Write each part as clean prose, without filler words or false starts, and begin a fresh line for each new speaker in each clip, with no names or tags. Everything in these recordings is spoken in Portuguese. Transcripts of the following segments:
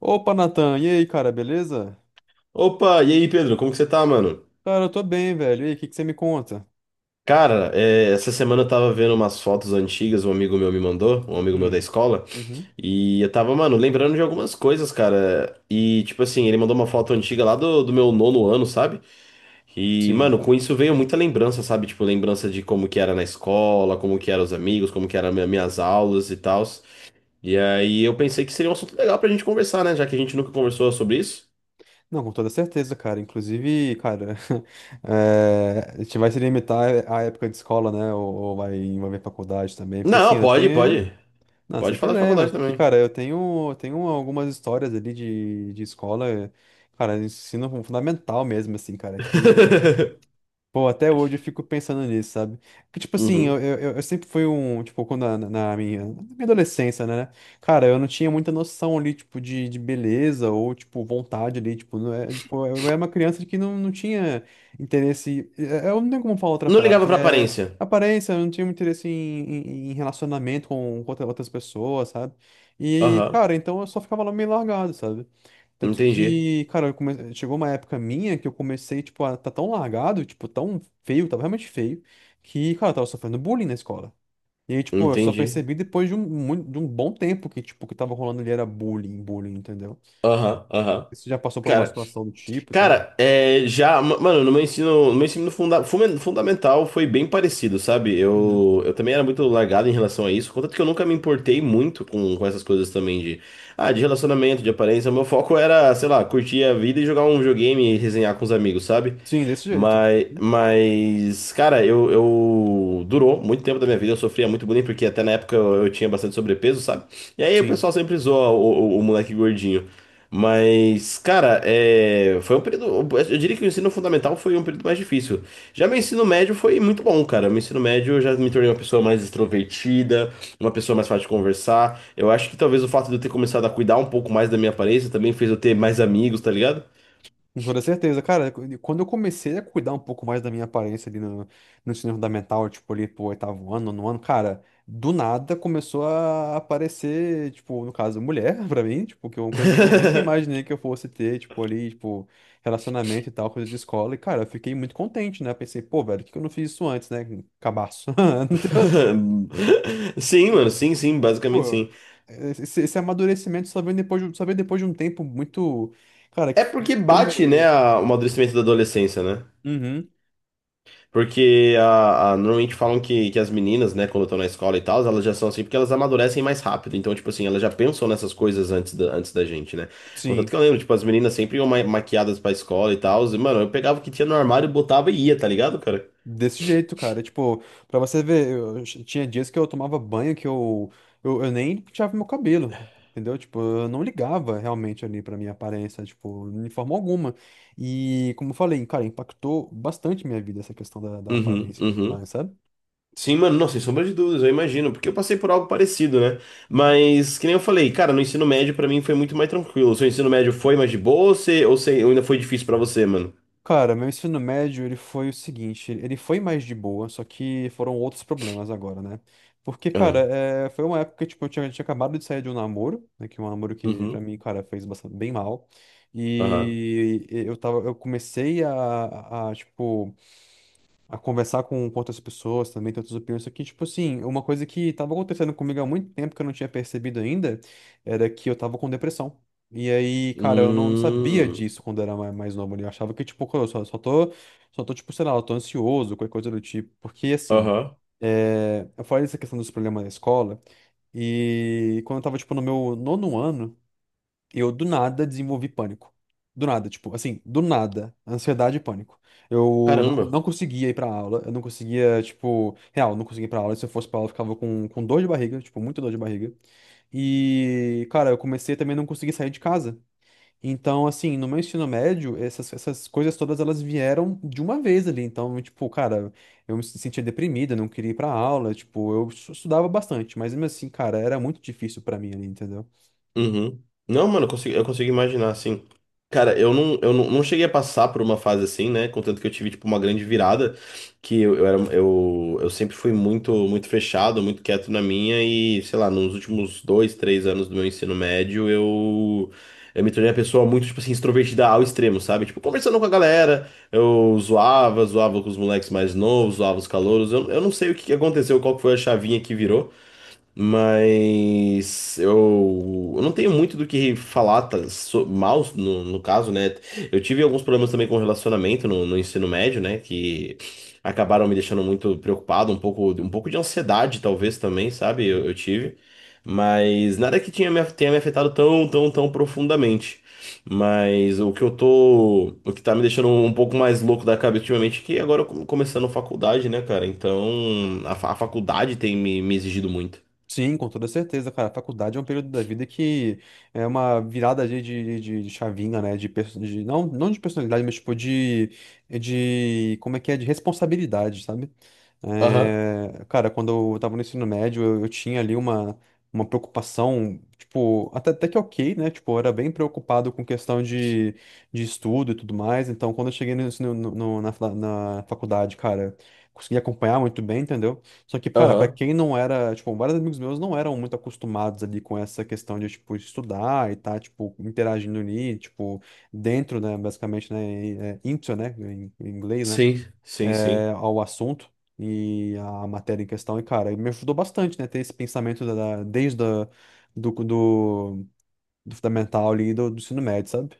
Opa, Natan, e aí, cara, beleza?
Opa, e aí, Pedro, como que você tá, mano?
Cara, eu tô bem, velho. E aí, o que que você me conta?
Cara, essa semana eu tava vendo umas fotos antigas, um amigo meu me mandou, um amigo meu da
Hum.
escola,
Uhum.
e eu tava, mano, lembrando de algumas coisas, cara. E, tipo assim, ele mandou uma foto antiga lá do meu nono ano, sabe? E,
Sim.
mano, com isso veio muita lembrança, sabe? Tipo, lembrança de como que era na escola, como que eram os amigos, como que eram minhas aulas e tal. E aí eu pensei que seria um assunto legal pra gente conversar, né? Já que a gente nunca conversou sobre isso.
Não, com toda certeza, cara. Inclusive, cara, a gente vai se limitar à época de escola, né? Ou vai envolver faculdade também. Porque, assim,
Não,
eu tenho.
pode.
Não, sem
Pode falar de
problema.
faculdade
Porque,
também.
cara, eu tenho algumas histórias ali de escola, cara, ensino fundamental mesmo, assim, cara, que. Pô, até hoje eu fico pensando nisso, sabe? Que, tipo assim, eu,
Uhum.
eu, eu eu sempre fui um, tipo, quando na, na minha adolescência, né? Cara, eu não tinha muita noção ali, tipo, de beleza ou, tipo, vontade ali, tipo, não é, tipo, eu era uma criança que não tinha interesse, eu não tenho como falar outra
Não ligava
frase,
pra
é
aparência.
aparência, eu não tinha muito interesse em relacionamento com outras pessoas, sabe? E,
Aham.
cara, então eu só ficava lá meio largado, sabe? Tanto
Entendi.
que, cara, chegou uma época minha que eu comecei, tipo, a tá tão largado, tipo, tão feio, tava realmente feio, que, cara, eu tava sofrendo bullying na escola. E aí, tipo, eu só
Entendi.
percebi depois de um bom tempo que, tipo, o que tava rolando ali era bullying, bullying, entendeu?
Aham, aham.
Você já passou por uma
Cara,
situação do tipo e tal?
Cara, já, mano, no meu ensino fundamental foi bem parecido, sabe?
Uhum.
Eu também era muito largado em relação a isso, contanto que eu nunca me importei muito com essas coisas também de, ah, de relacionamento, de aparência. O meu foco era, sei lá, curtir a vida e jogar um videogame e resenhar com os amigos, sabe?
Sim, desse jeito.
Mas,
Uhum.
mas, cara, eu durou muito tempo da minha vida, eu sofria muito bullying, porque até na época eu tinha bastante sobrepeso, sabe? E aí o
Sim.
pessoal sempre zoa o moleque gordinho. Mas, cara, é, foi um período. Eu diria que o ensino fundamental foi um período mais difícil. Já meu ensino médio foi muito bom, cara. Meu ensino médio eu já me tornei uma pessoa mais extrovertida, uma pessoa mais fácil de conversar. Eu acho que talvez o fato de eu ter começado a cuidar um pouco mais da minha aparência também fez eu ter mais amigos, tá ligado?
Com toda certeza, cara, quando eu comecei a cuidar um pouco mais da minha aparência ali no ensino fundamental, tipo ali pro oitavo ano, nono ano, cara, do nada começou a aparecer, tipo, no caso, mulher pra mim, tipo, que é uma coisa que eu nunca imaginei que eu fosse ter, tipo, ali, tipo, relacionamento e tal, coisa de escola, e cara, eu fiquei muito contente, né? Pensei, pô, velho, por que que eu não fiz isso antes, né? Cabaço. Entendeu?
Sim, mano,
E,
sim, sim, basicamente
pô,
sim.
esse, esse amadurecimento só veio depois de um tempo muito, cara,
É
que
porque bate, né,
demorou.
o amadurecimento da adolescência, né?
Uhum.
Porque normalmente falam que as meninas, né, quando estão na escola e tal, elas já são assim porque elas amadurecem mais rápido. Então, tipo assim, elas já pensam nessas coisas antes da gente, né? Contanto
Sim.
que eu lembro, tipo, as meninas sempre iam maquiadas pra escola e tal. E, mano, eu pegava o que tinha no armário, botava e ia, tá ligado, cara?
Desse jeito, cara. Tipo, pra você ver, tinha dias que eu tomava banho que eu, eu nem penteava meu cabelo, entendeu? Tipo, eu não ligava realmente ali pra minha aparência, tipo, de forma alguma. E, como eu falei, cara, impactou bastante minha vida essa questão da
Uhum,
aparência e tudo mais,
uhum.
sabe?
Sim, mano, não, sem sombra de dúvidas, eu imagino, porque eu passei por algo parecido, né? Mas, que nem eu falei, cara, no ensino médio pra mim foi muito mais tranquilo. O seu ensino médio foi mais de boa ou, você, ou ainda foi difícil pra você, mano?
Cara, meu ensino médio, ele foi o seguinte, ele foi mais de boa, só que foram outros problemas agora, né? Porque, cara,
Aham,
foi uma época que, tipo, eu tinha acabado de sair de um namoro, né? Que é um namoro que, pra
uhum,
mim, cara, fez bastante, bem mal.
aham.
E eu comecei a, tipo, a conversar com outras pessoas também, ter outras opiniões. Só que, tipo assim, uma coisa que tava acontecendo comigo há muito tempo que eu não tinha percebido ainda era que eu tava com depressão. E aí, cara, eu não sabia
Hum.
disso quando eu era mais novo, né? Eu achava que, tipo, eu só tô, tipo, sei lá, eu tô ansioso, qualquer coisa do tipo. Porque, assim,
Aham.
eu falei dessa questão dos problemas na escola. E quando eu tava, tipo, no meu nono ano, eu do nada desenvolvi pânico. Do nada, tipo, assim, do nada, ansiedade e pânico. Eu não,
Caramba.
não conseguia ir pra aula, eu não conseguia, tipo, real, não conseguia ir pra aula. Se eu fosse pra aula, eu ficava com dor de barriga, tipo, muita dor de barriga. E, cara, eu comecei também a não conseguir sair de casa. Então, assim, no meu ensino médio, essas coisas todas elas vieram de uma vez ali. Então, tipo, cara, eu me sentia deprimido, eu não queria ir pra aula, tipo, eu estudava bastante, mas mesmo assim, cara, era muito difícil pra mim ali, entendeu?
Uhum. Não, mano, eu consigo imaginar, assim. Cara, eu não, não cheguei a passar por uma fase assim, né? Contanto que eu tive, tipo, uma grande virada, que eu era, eu sempre fui muito, muito fechado, muito quieto na minha, e, sei lá, nos últimos dois, 3 anos do meu ensino médio, eu me tornei uma pessoa muito, tipo assim, extrovertida ao extremo, sabe? Tipo, conversando com a galera, zoava com os moleques mais novos, zoava os calouros, eu não sei o que que aconteceu, qual que foi a chavinha que virou. Mas eu não tenho muito do que falar tá, mal no, no caso, né? Eu tive alguns problemas também com relacionamento no ensino médio, né? Que acabaram me deixando muito preocupado, um pouco de ansiedade, talvez também, sabe? Eu tive. Mas nada que tinha tenha me afetado tão, tão, tão profundamente. Mas o que eu tô. O que tá me deixando um pouco mais louco da cabeça ultimamente é que agora eu começando faculdade, né, cara? Então a faculdade tem me exigido muito.
Sim, com toda certeza, cara. A faculdade é um período da vida que é uma virada de chavinha, né? De, não, não de personalidade, mas tipo de. Como é que é? De responsabilidade, sabe?
Aham,
É, cara, quando eu tava no ensino médio, eu tinha ali uma preocupação, tipo, até que ok, né? Tipo, eu era bem preocupado com questão de estudo e tudo mais. Então, quando eu cheguei na faculdade, cara, consegui acompanhar muito bem, entendeu? Só que, cara, pra
aham.
quem não era, tipo, vários amigos meus não eram muito acostumados ali com essa questão de, tipo, estudar e tá, tipo, interagindo ali, tipo, dentro, né, basicamente, né, e, into, né, em inglês, né,
Sim, sim, sim.
ao assunto e a matéria em questão. E, cara, me ajudou bastante, né, ter esse pensamento da, da- desde a, do, do, do fundamental ali, do ensino médio, sabe?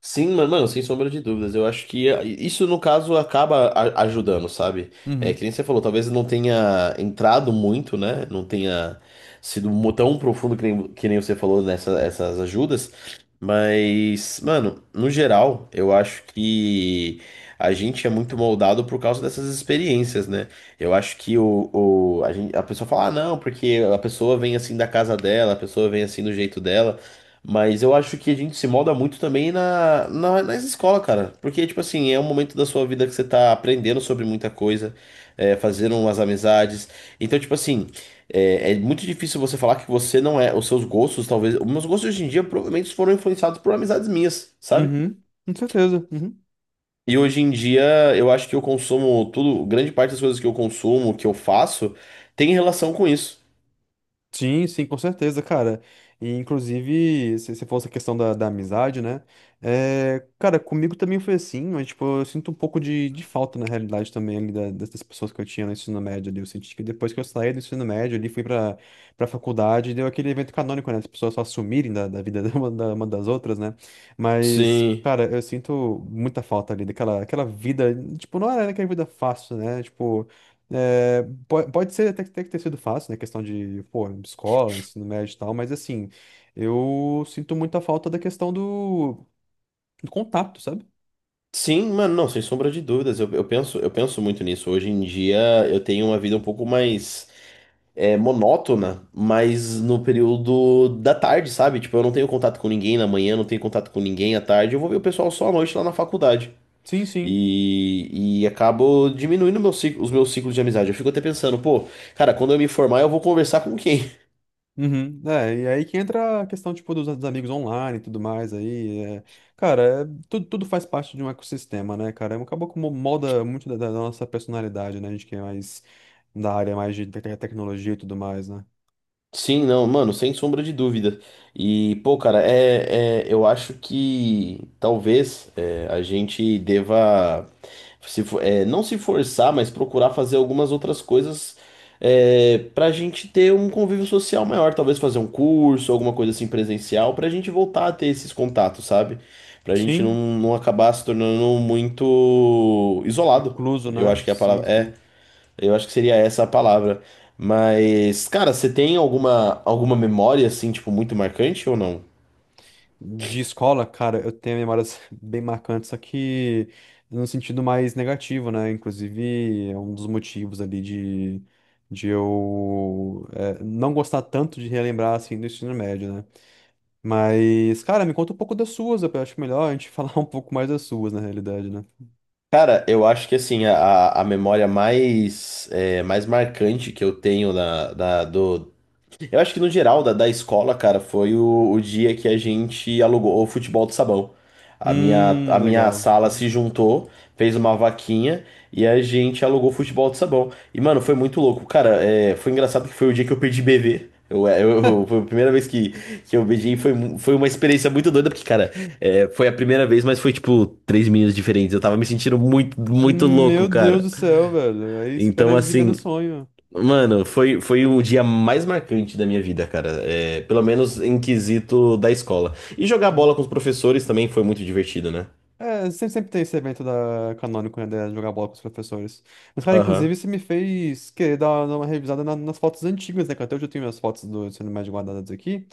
Sim, mano, sem sombra de dúvidas. Eu acho que isso, no caso, acaba ajudando, sabe? É,
Uhum.
que nem você falou, talvez não tenha entrado muito, né? Não tenha tão profundo que nem você falou nessas essas ajudas. Mas, mano, no geral, eu acho que a gente é muito moldado por causa dessas experiências, né? Eu acho que a pessoa fala, ah, não, porque a pessoa vem assim da casa dela, a pessoa vem assim do jeito dela. Mas eu acho que a gente se molda muito também nas escolas, cara. Porque, tipo assim, é um momento da sua vida que você tá aprendendo sobre muita coisa, é, fazendo umas amizades. Então, tipo assim, é, é muito difícil você falar que você não é. Os seus gostos, talvez. Os meus gostos hoje em dia provavelmente foram influenciados por amizades minhas, sabe?
Uhum, com certeza. Uhum.
E hoje em dia eu acho que eu consumo tudo, grande parte das coisas que eu consumo, que eu faço, tem relação com isso.
Sim, sim, com certeza, cara. E inclusive, se você fosse a questão da amizade, né? É, cara, comigo também foi assim, mas tipo, eu sinto um pouco de falta na realidade também ali dessas pessoas que eu tinha no ensino médio ali. Eu senti que depois que eu saí do ensino médio ali, fui pra faculdade, deu aquele evento canônico, né? As pessoas só sumirem da vida uma das outras, né? Mas,
Sim.
cara, eu sinto muita falta ali daquela aquela vida, tipo, não era aquela vida fácil, né? Tipo. É, pode ser até que tenha sido fácil, né? Questão de, pô, escola, ensino médio e tal, mas assim, eu sinto muita falta da questão do contato, sabe?
Sim, mano, não, sem sombra de dúvidas. Eu penso, eu penso muito nisso. Hoje em dia eu tenho uma vida um pouco mais monótona, mas no período da tarde, sabe? Tipo, eu não tenho contato com ninguém na manhã, não tenho contato com ninguém à tarde. Eu vou ver o pessoal só à noite lá na faculdade.
Sim, sim.
E acabo diminuindo os meus ciclos de amizade. Eu fico até pensando, pô, cara, quando eu me formar, eu vou conversar com quem?
Uhum. É, e aí que entra a questão, tipo, dos amigos online e tudo mais aí. Cara, tudo faz parte de um ecossistema, né, cara? Acabou que molda muito da nossa personalidade, né? A gente que é mais da área mais de tecnologia e tudo mais, né?
Sim, não, mano, sem sombra de dúvida. E, pô, cara, eu acho que talvez a gente deva se, fo- é, não se forçar, mas procurar fazer algumas outras coisas pra gente ter um convívio social maior. Talvez fazer um curso, alguma coisa assim presencial, pra gente voltar a ter esses contatos, sabe? Pra gente
Sim,
não acabar se tornando muito isolado.
incluso,
Eu
né?
acho que é a
Sim,
palavra. É.
sim.
Eu acho que seria essa a palavra. Mas, cara, você tem alguma memória, assim, tipo, muito marcante ou não?
De escola, cara, eu tenho memórias bem marcantes, só que no sentido mais negativo, né? Inclusive, é um dos motivos ali de eu não gostar tanto de relembrar, assim, do ensino médio, né? Mas, cara, me conta um pouco das suas, eu acho melhor a gente falar um pouco mais das suas, na realidade, né?
Cara, eu acho que assim, a memória mais, é, mais marcante que eu tenho na, da, do. Eu acho que no geral da escola, cara, foi o dia que a gente alugou o futebol de sabão. A minha
Legal.
sala se juntou, fez uma vaquinha e a gente alugou futebol de sabão. E, mano, foi muito louco. Cara, é, foi engraçado porque foi o dia que eu perdi bebê. Foi a primeira vez que eu beijei foi, foi uma experiência muito doida, porque, cara, é, foi a primeira vez, mas foi tipo três meninas diferentes. Eu tava me sentindo muito, muito louco,
Meu Deus
cara.
do céu, velho. Aí esse cara
Então,
vive no
assim,
sonho.
mano, foi o dia mais marcante da minha vida, cara. É, pelo menos em quesito da escola. E jogar bola com os professores também foi muito divertido, né?
É, sempre, sempre tem esse evento da Canônico, né, de jogar bola com os professores. Mas, cara, inclusive,
Aham.
você me fez querer dar uma revisada nas fotos antigas, né, que até hoje eu tenho minhas fotos do ensino médio guardadas aqui.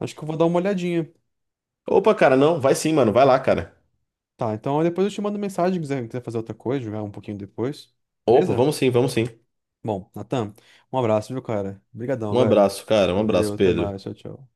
Acho que eu vou dar uma olhadinha.
Opa, cara, não, vai sim, mano, vai lá, cara.
Tá, então depois eu te mando mensagem se quiser fazer outra coisa, jogar um pouquinho depois.
Opa,
Beleza?
vamos sim, vamos sim.
Bom, Natan, um abraço, viu, cara? Obrigadão,
Um
velho.
abraço, cara, um
Valeu,
abraço,
até
Pedro.
mais, tchau, tchau.